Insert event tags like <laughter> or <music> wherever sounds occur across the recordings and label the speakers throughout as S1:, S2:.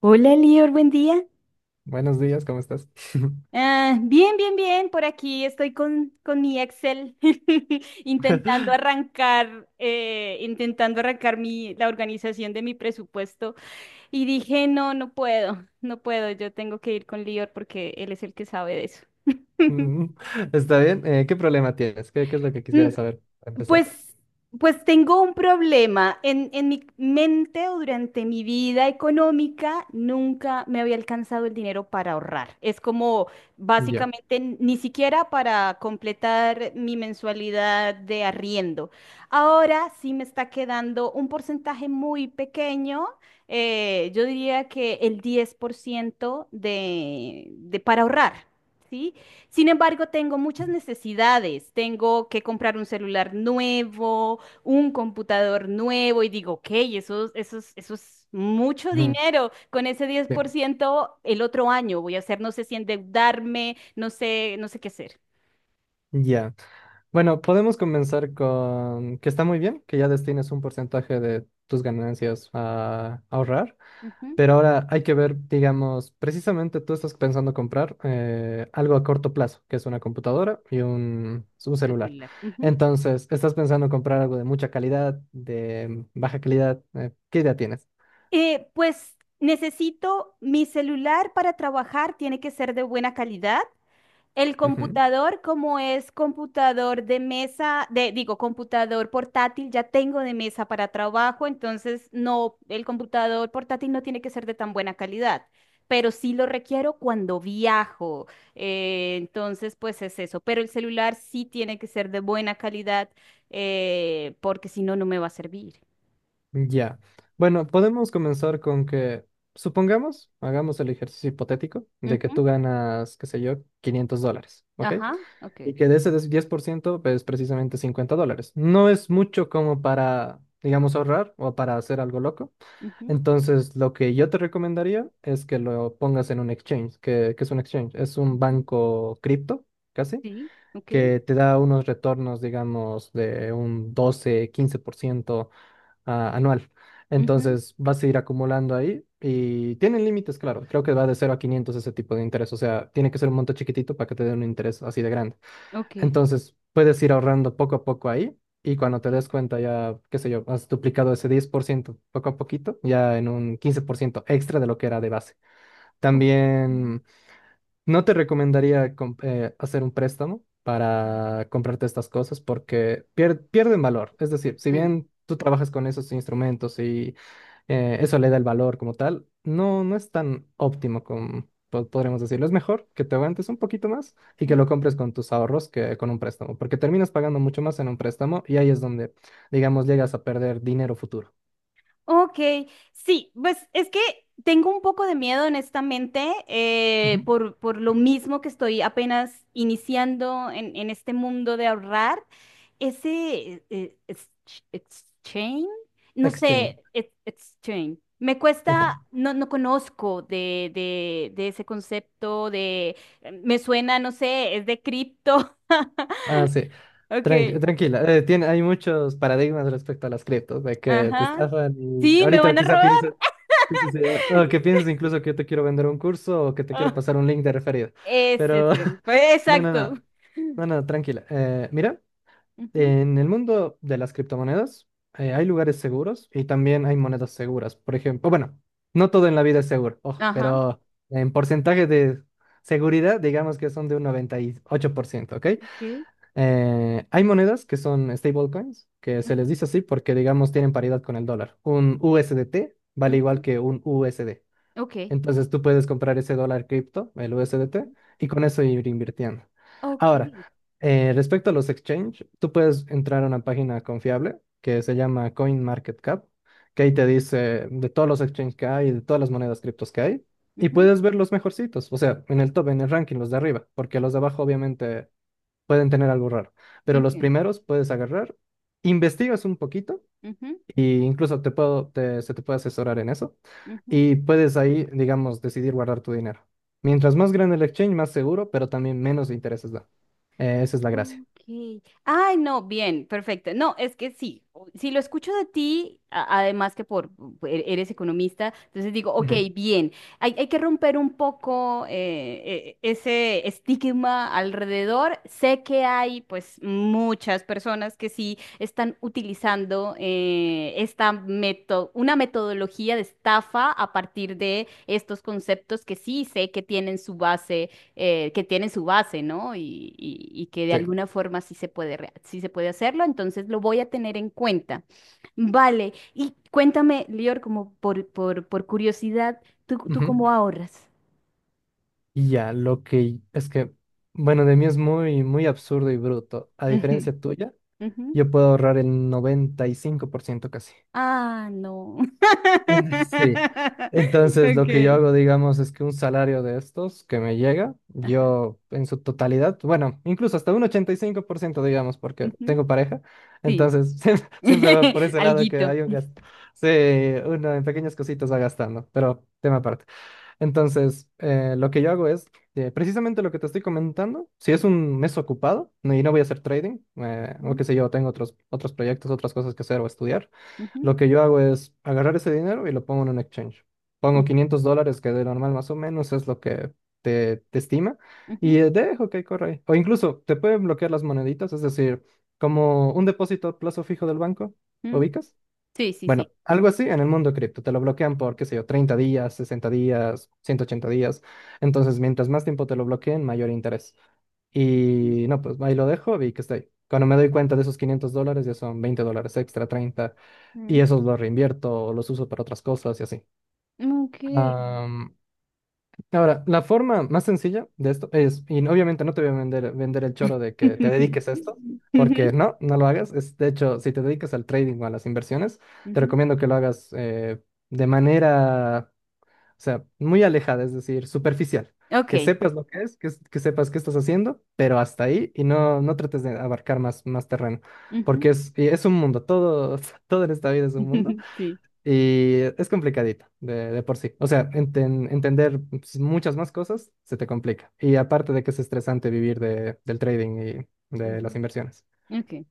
S1: Hola, Lior, buen día.
S2: Buenos días, ¿cómo estás?
S1: Ah, bien, bien, bien. Por aquí estoy con mi Excel <laughs>
S2: <laughs>
S1: intentando arrancar la organización de mi presupuesto. Y dije, no puedo, no puedo. Yo tengo que ir con Lior porque él es el que sabe de eso. <laughs>
S2: Mm. Está bien. ¿Qué problema tienes? ¿Qué es lo que quisiera
S1: Mm,
S2: saber para empezar?
S1: Pues, pues tengo un problema. En mi mente o durante mi vida económica nunca me había alcanzado el dinero para ahorrar. Es como
S2: Ya.
S1: básicamente ni siquiera para completar mi mensualidad de arriendo. Ahora sí me está quedando un porcentaje muy pequeño. Yo diría que el 10% de para ahorrar. ¿Sí? Sin embargo, tengo muchas necesidades. Tengo que comprar un celular nuevo, un computador nuevo y digo, ok, eso es mucho
S2: Ujú,
S1: dinero. Con ese diez por
S2: bien.
S1: ciento, el otro año voy a hacer, no sé si endeudarme, no sé, no sé qué hacer.
S2: Ya. Bueno, podemos comenzar con que está muy bien que ya destines un porcentaje de tus ganancias a ahorrar,
S1: Ujú.
S2: pero ahora hay que ver, digamos, precisamente tú estás pensando comprar algo a corto plazo, que es una computadora y un celular.
S1: Celular. Ujú.
S2: Entonces, estás pensando comprar algo de mucha calidad, de baja calidad. ¿Qué idea tienes?
S1: Pues necesito mi celular para trabajar, tiene que ser de buena calidad. El
S2: Ujú.
S1: computador, como es computador de mesa, digo, computador portátil, ya tengo de mesa para trabajo, entonces no, el computador portátil no tiene que ser de tan buena calidad, pero sí lo requiero cuando viajo. Entonces, pues es eso, pero el celular sí tiene que ser de buena calidad, porque si no, no me va a servir.
S2: Ya. Bueno, podemos comenzar con que, supongamos, hagamos el ejercicio hipotético de que
S1: Ujú.
S2: tú ganas, qué sé yo, 500 dólares, ¿ok?
S1: Ajá, ok.
S2: Y que de ese 10% es precisamente 50 dólares. No es mucho como para, digamos, ahorrar o para hacer algo loco.
S1: Ujú.
S2: Entonces, lo que yo te recomendaría es que lo pongas en un exchange. Que es un exchange? Es un
S1: Ujú.
S2: banco cripto, casi,
S1: Sí, ok.
S2: que te da unos retornos, digamos, de un doce quince por ciento anual.
S1: Ujú.
S2: Entonces vas a ir acumulando ahí y tienen límites, claro. Creo que va de cero a 500 ese tipo de interés. O sea, tiene que ser un monto chiquitito para que te den un interés así de grande.
S1: Ok.
S2: Entonces puedes ir ahorrando poco a poco ahí y cuando
S1: Ok.
S2: te des cuenta ya, qué sé yo, has duplicado ese 10% poco a poquito, ya en un 15% extra de lo que era de base.
S1: Ok.
S2: También no te recomendaría hacer un préstamo para comprarte estas cosas porque pierden valor. Es decir, si
S1: Mm.
S2: bien tú trabajas con esos instrumentos, eso le da el valor como tal. No, no es tan óptimo como podríamos decirlo. Es mejor que te aguantes un poquito más y que lo
S1: Ujú.
S2: compres con tus ahorros que con un préstamo, porque terminas pagando mucho más en un préstamo y ahí es donde, digamos, llegas a perder dinero futuro.
S1: Ok, sí, pues es que tengo un poco de miedo, honestamente,
S2: Ujú.
S1: por lo mismo que estoy apenas iniciando en este mundo de ahorrar. Ese exchange, no
S2: Exchange.
S1: sé, exchange. Me cuesta,
S2: Ajá.
S1: no, no conozco de ese concepto, de, me suena, no sé, es de cripto.
S2: Ah, sí.
S1: <laughs> Ok,
S2: Tranquila. Hay muchos paradigmas respecto a las criptos, de que te
S1: ajá.
S2: estafan y
S1: Sí, me
S2: ahorita
S1: van a
S2: quizá
S1: robar.
S2: piensas. Sí, sí, sí. O que pienses incluso que yo te quiero vender un curso o que te quiero
S1: <laughs>
S2: pasar un link de referido.
S1: Ese es
S2: Pero
S1: el.
S2: <laughs>
S1: Pues,
S2: no, no,
S1: exacto.
S2: no.
S1: <laughs>
S2: No, no, tranquila. Mira,
S1: Ujú.
S2: en el mundo de las criptomonedas hay lugares seguros y también hay monedas seguras. Por ejemplo, bueno, no todo en la vida es seguro, ojo,
S1: Ajá.
S2: pero en porcentaje de seguridad, digamos que son de un 98%, ¿ok?
S1: Ok.
S2: Hay monedas que son stablecoins, que se les
S1: Ujú.
S2: dice así porque, digamos, tienen paridad con el dólar. Un USDT vale igual
S1: Ujú.
S2: que un USD.
S1: Ok.
S2: Entonces tú puedes comprar ese dólar cripto, el USDT, y con eso ir invirtiendo. Ahora, respecto a los exchange, tú puedes entrar a una página confiable que se llama CoinMarketCap, que ahí te dice de todos los exchange que hay, de todas las monedas criptos que hay, y
S1: Ujú.
S2: puedes ver los mejorcitos, o sea, en el top, en el ranking, los de arriba, porque los de abajo obviamente pueden tener algo raro,
S1: Ok. Ujú.
S2: pero los
S1: Ok.
S2: primeros puedes agarrar, investigas un poquito
S1: Ujú.
S2: y incluso se te puede asesorar en eso.
S1: Ujú.
S2: Y puedes ahí, digamos, decidir guardar tu dinero. Mientras más grande el exchange, más seguro, pero también menos intereses da. Esa es la gracia.
S1: Ok. Ay, no, bien, perfecto. No, es que sí, si lo escucho de ti, además que por eres economista, entonces digo, ok,
S2: Ujú.
S1: bien, hay que romper un poco ese estigma alrededor. Sé que hay pues muchas personas que sí están utilizando esta una metodología de estafa a partir de estos conceptos que sí sé que tienen su base que tienen su base, ¿no? Y, y que de
S2: Sí.
S1: alguna forma sí se puede, sí se puede hacerlo, entonces lo voy a tener en cuenta. Vale, y cuéntame, Lior, como por curiosidad, tú
S2: Ujú.
S1: cómo ahorras?
S2: Y ya, lo que es que, bueno, de mí es muy, muy absurdo y bruto. A
S1: Ujú.
S2: diferencia tuya,
S1: Ujú.
S2: yo puedo ahorrar el 95% casi.
S1: Ah, no.
S2: <laughs> Sí.
S1: <laughs>
S2: Entonces, lo que yo
S1: Okay.
S2: hago, digamos, es que un salario de estos que me llega,
S1: Ajá.
S2: yo en su totalidad, bueno, incluso hasta un 85%, digamos, porque
S1: Ujú.
S2: tengo pareja,
S1: Sí.
S2: entonces <laughs> siempre, siempre va por
S1: <laughs>
S2: ese lado que
S1: Alguito.
S2: hay un gasto. Sí, uno en pequeñas cositas va gastando, pero tema aparte. Entonces, lo que yo hago es precisamente lo que te estoy comentando. Si es un mes ocupado y no voy a hacer trading, o
S1: Ujú.
S2: qué sé yo, tengo otros proyectos, otras cosas que hacer o estudiar,
S1: Ujú.
S2: lo que yo hago es agarrar ese dinero y lo pongo en un exchange. Pongo
S1: Ok.
S2: 500 dólares, que de normal más o menos es lo que te estima, y
S1: Ujú.
S2: dejo que corra ahí. O incluso te pueden bloquear las moneditas, es decir, como un depósito a plazo fijo del banco,
S1: Ujú.
S2: ¿ubicas?
S1: Sí, sí,
S2: Bueno,
S1: sí.
S2: algo así en el mundo cripto. Te lo bloquean por, qué sé yo, 30 días, 60 días, 180 días. Entonces, mientras más tiempo te lo bloqueen, mayor interés. Y no, pues ahí lo dejo y que estoy. Cuando me doy cuenta de esos 500 dólares, ya son 20 dólares extra, treinta. Y
S1: Ujú.
S2: esos los reinvierto o los uso para otras cosas y así.
S1: Ok.
S2: Ahora, la forma más sencilla de esto es, y obviamente no te voy a vender el choro de que te
S1: <laughs>
S2: dediques a esto, porque
S1: Ujú.
S2: no, no lo hagas. Es, de hecho, si te dedicas al trading o a las inversiones, te
S1: Ujú.
S2: recomiendo que lo hagas de manera, o sea, muy alejada, es decir, superficial. Que
S1: Ok.
S2: sepas lo que es, que sepas qué estás haciendo, pero hasta ahí y no, no trates de abarcar más, más terreno,
S1: Ujú.
S2: porque es, y es un mundo, todo, <laughs> todo en esta vida es un mundo.
S1: <laughs> Sí.
S2: Y es complicadito de por sí. O sea, entender pues, muchas más cosas se te complica. Y aparte de que es estresante vivir del trading y de las
S1: Ujú.
S2: inversiones.
S1: Ok.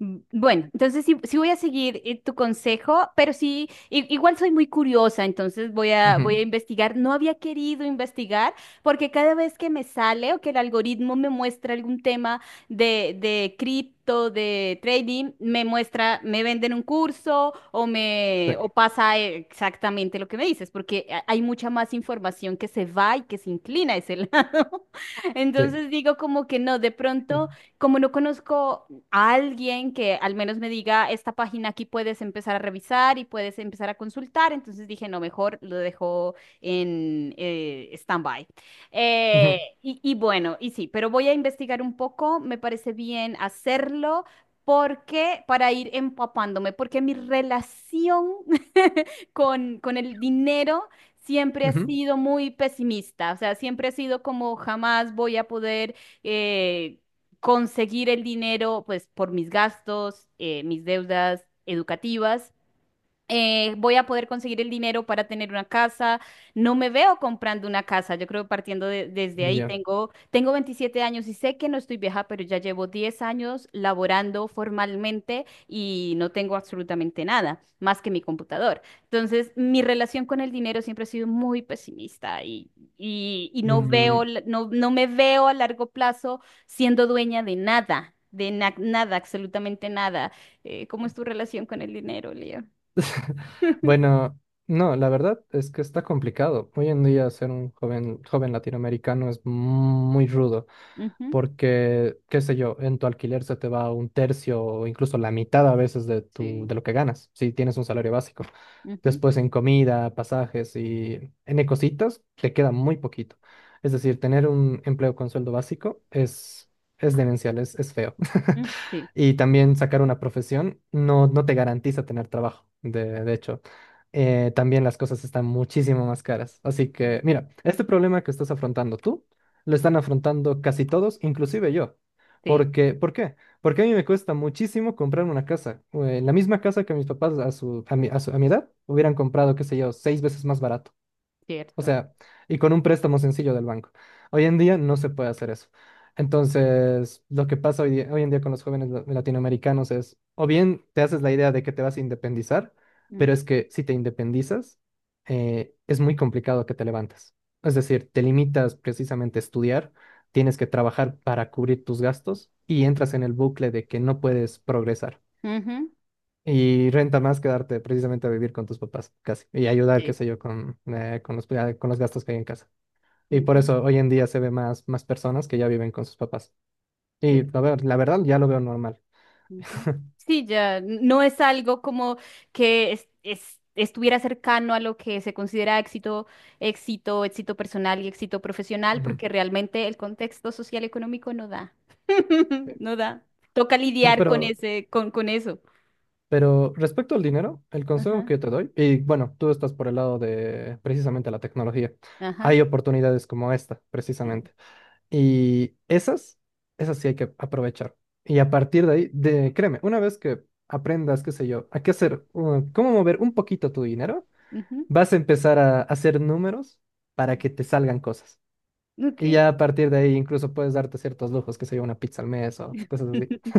S1: Bueno, entonces sí, sí voy a seguir tu consejo, pero sí, igual soy muy curiosa, entonces voy
S2: Ujú.
S1: a investigar. No había querido investigar porque cada vez que me sale o que el algoritmo me muestra algún tema de cripto, de trading, me muestra, me venden un curso o me, o pasa exactamente lo que me dices, porque hay mucha más información que se va y que se inclina a ese lado. <laughs>
S2: Sí.
S1: Entonces digo como que no, de
S2: Sí.
S1: pronto como no conozco a alguien que al menos me diga, esta página aquí puedes empezar a revisar y puedes empezar a consultar. Entonces dije, no, mejor lo dejo en stand-by.
S2: Ujú,
S1: Y, y bueno, y sí, pero voy a investigar un poco, me parece bien hacerlo. Porque para ir empapándome, porque mi relación <laughs> con el dinero siempre ha
S2: ujú.
S1: sido muy pesimista, o sea, siempre ha sido como jamás voy a poder eh, conseguir el dinero, pues, por mis gastos, mis deudas educativas voy a poder conseguir el dinero para tener una casa. No me veo comprando una casa. Yo creo que partiendo desde ahí,
S2: Ya.
S1: tengo 27 años y sé que no estoy vieja, pero ya llevo 10 años laborando formalmente y no tengo absolutamente nada más que mi computador. Entonces, mi relación con el dinero siempre ha sido muy pesimista y no
S2: Mm.
S1: veo, no me veo a largo plazo siendo dueña de nada. De nada, absolutamente nada. ¿Cómo es tu relación con el dinero, Leo?
S2: <laughs>
S1: <laughs>
S2: Bueno, no, la verdad es que está complicado. Hoy en día ser un joven latinoamericano es muy rudo.
S1: Ujú.
S2: Porque, qué sé yo, en tu alquiler se te va un tercio o incluso la mitad a veces
S1: Sí.
S2: de lo que ganas, si tienes un salario básico.
S1: Ujú.
S2: Después en comida, pasajes y en cositas, te queda muy poquito. Es decir, tener un empleo con sueldo básico es demencial, es feo. <laughs>
S1: Mm. Sí.
S2: Y también sacar una profesión no, no te garantiza tener trabajo, de hecho. También las cosas están muchísimo más caras. Así
S1: Mm.
S2: que, mira, este problema que estás afrontando tú, lo están afrontando casi todos, inclusive yo.
S1: Sí,
S2: Porque, ¿por qué? Porque a mí me cuesta muchísimo comprar una casa. La misma casa que mis papás a mi edad hubieran comprado, qué sé yo, seis veces más barato. O
S1: cierto.
S2: sea, y con un préstamo sencillo del banco. Hoy en día no se puede hacer eso. Entonces, lo que pasa hoy en día con los jóvenes latinoamericanos es, o bien te haces la idea de que te vas a independizar,
S1: Mm.
S2: pero es que si te independizas, es muy complicado que te levantes. Es decir, te limitas precisamente a estudiar, tienes que trabajar para cubrir tus gastos y entras en el bucle de que no puedes progresar.
S1: Ujú.
S2: Y renta más quedarte precisamente a vivir con tus papás, casi, y ayudar, qué
S1: Sí.
S2: sé yo, con los gastos que hay en casa. Y por
S1: Ujú.
S2: eso hoy en día se ve más, más personas que ya viven con sus papás. Y a
S1: Cierto.
S2: ver, la verdad ya lo veo normal.
S1: Ujú.
S2: <laughs>
S1: Sí, ya no es algo como que estuviera cercano a lo que se considera éxito, éxito, éxito personal y éxito profesional,
S2: Ujú.
S1: porque realmente el contexto social económico no da. <laughs>
S2: Sí.
S1: No da. Toca
S2: No,
S1: lidiar con ese, con eso.
S2: pero respecto al dinero, el consejo
S1: Ajá,
S2: que yo te doy, y bueno, tú estás por el lado de precisamente la tecnología,
S1: ajá.
S2: hay oportunidades como esta,
S1: Sí.
S2: precisamente. Y esas, esas sí hay que aprovechar. Y a partir de ahí, de, créeme, una vez que aprendas, qué sé yo, a qué hacer, cómo mover un poquito tu dinero,
S1: Ujú.
S2: vas a empezar a hacer números para que te salgan cosas. Y
S1: Ok.
S2: ya a partir de ahí incluso puedes darte ciertos lujos, qué sé yo, una pizza al mes o cosas así.
S1: <laughs>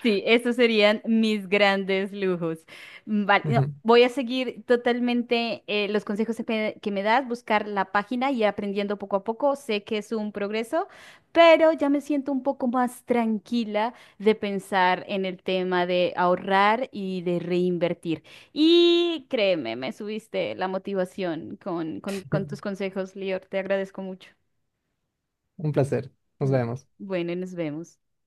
S1: Sí, esos serían mis grandes lujos. Vale,
S2: <laughs>
S1: no,
S2: Ujú.
S1: voy a seguir totalmente los consejos que me das, buscar la página y aprendiendo poco a poco. Sé que es un progreso, pero ya me siento un poco más tranquila de pensar en el tema de ahorrar y de reinvertir. Y créeme, me subiste la motivación con tus
S2: <laughs>
S1: consejos, Lior. Te agradezco mucho.
S2: Un placer. Nos
S1: Mm,
S2: vemos.
S1: Bueno, nos vemos.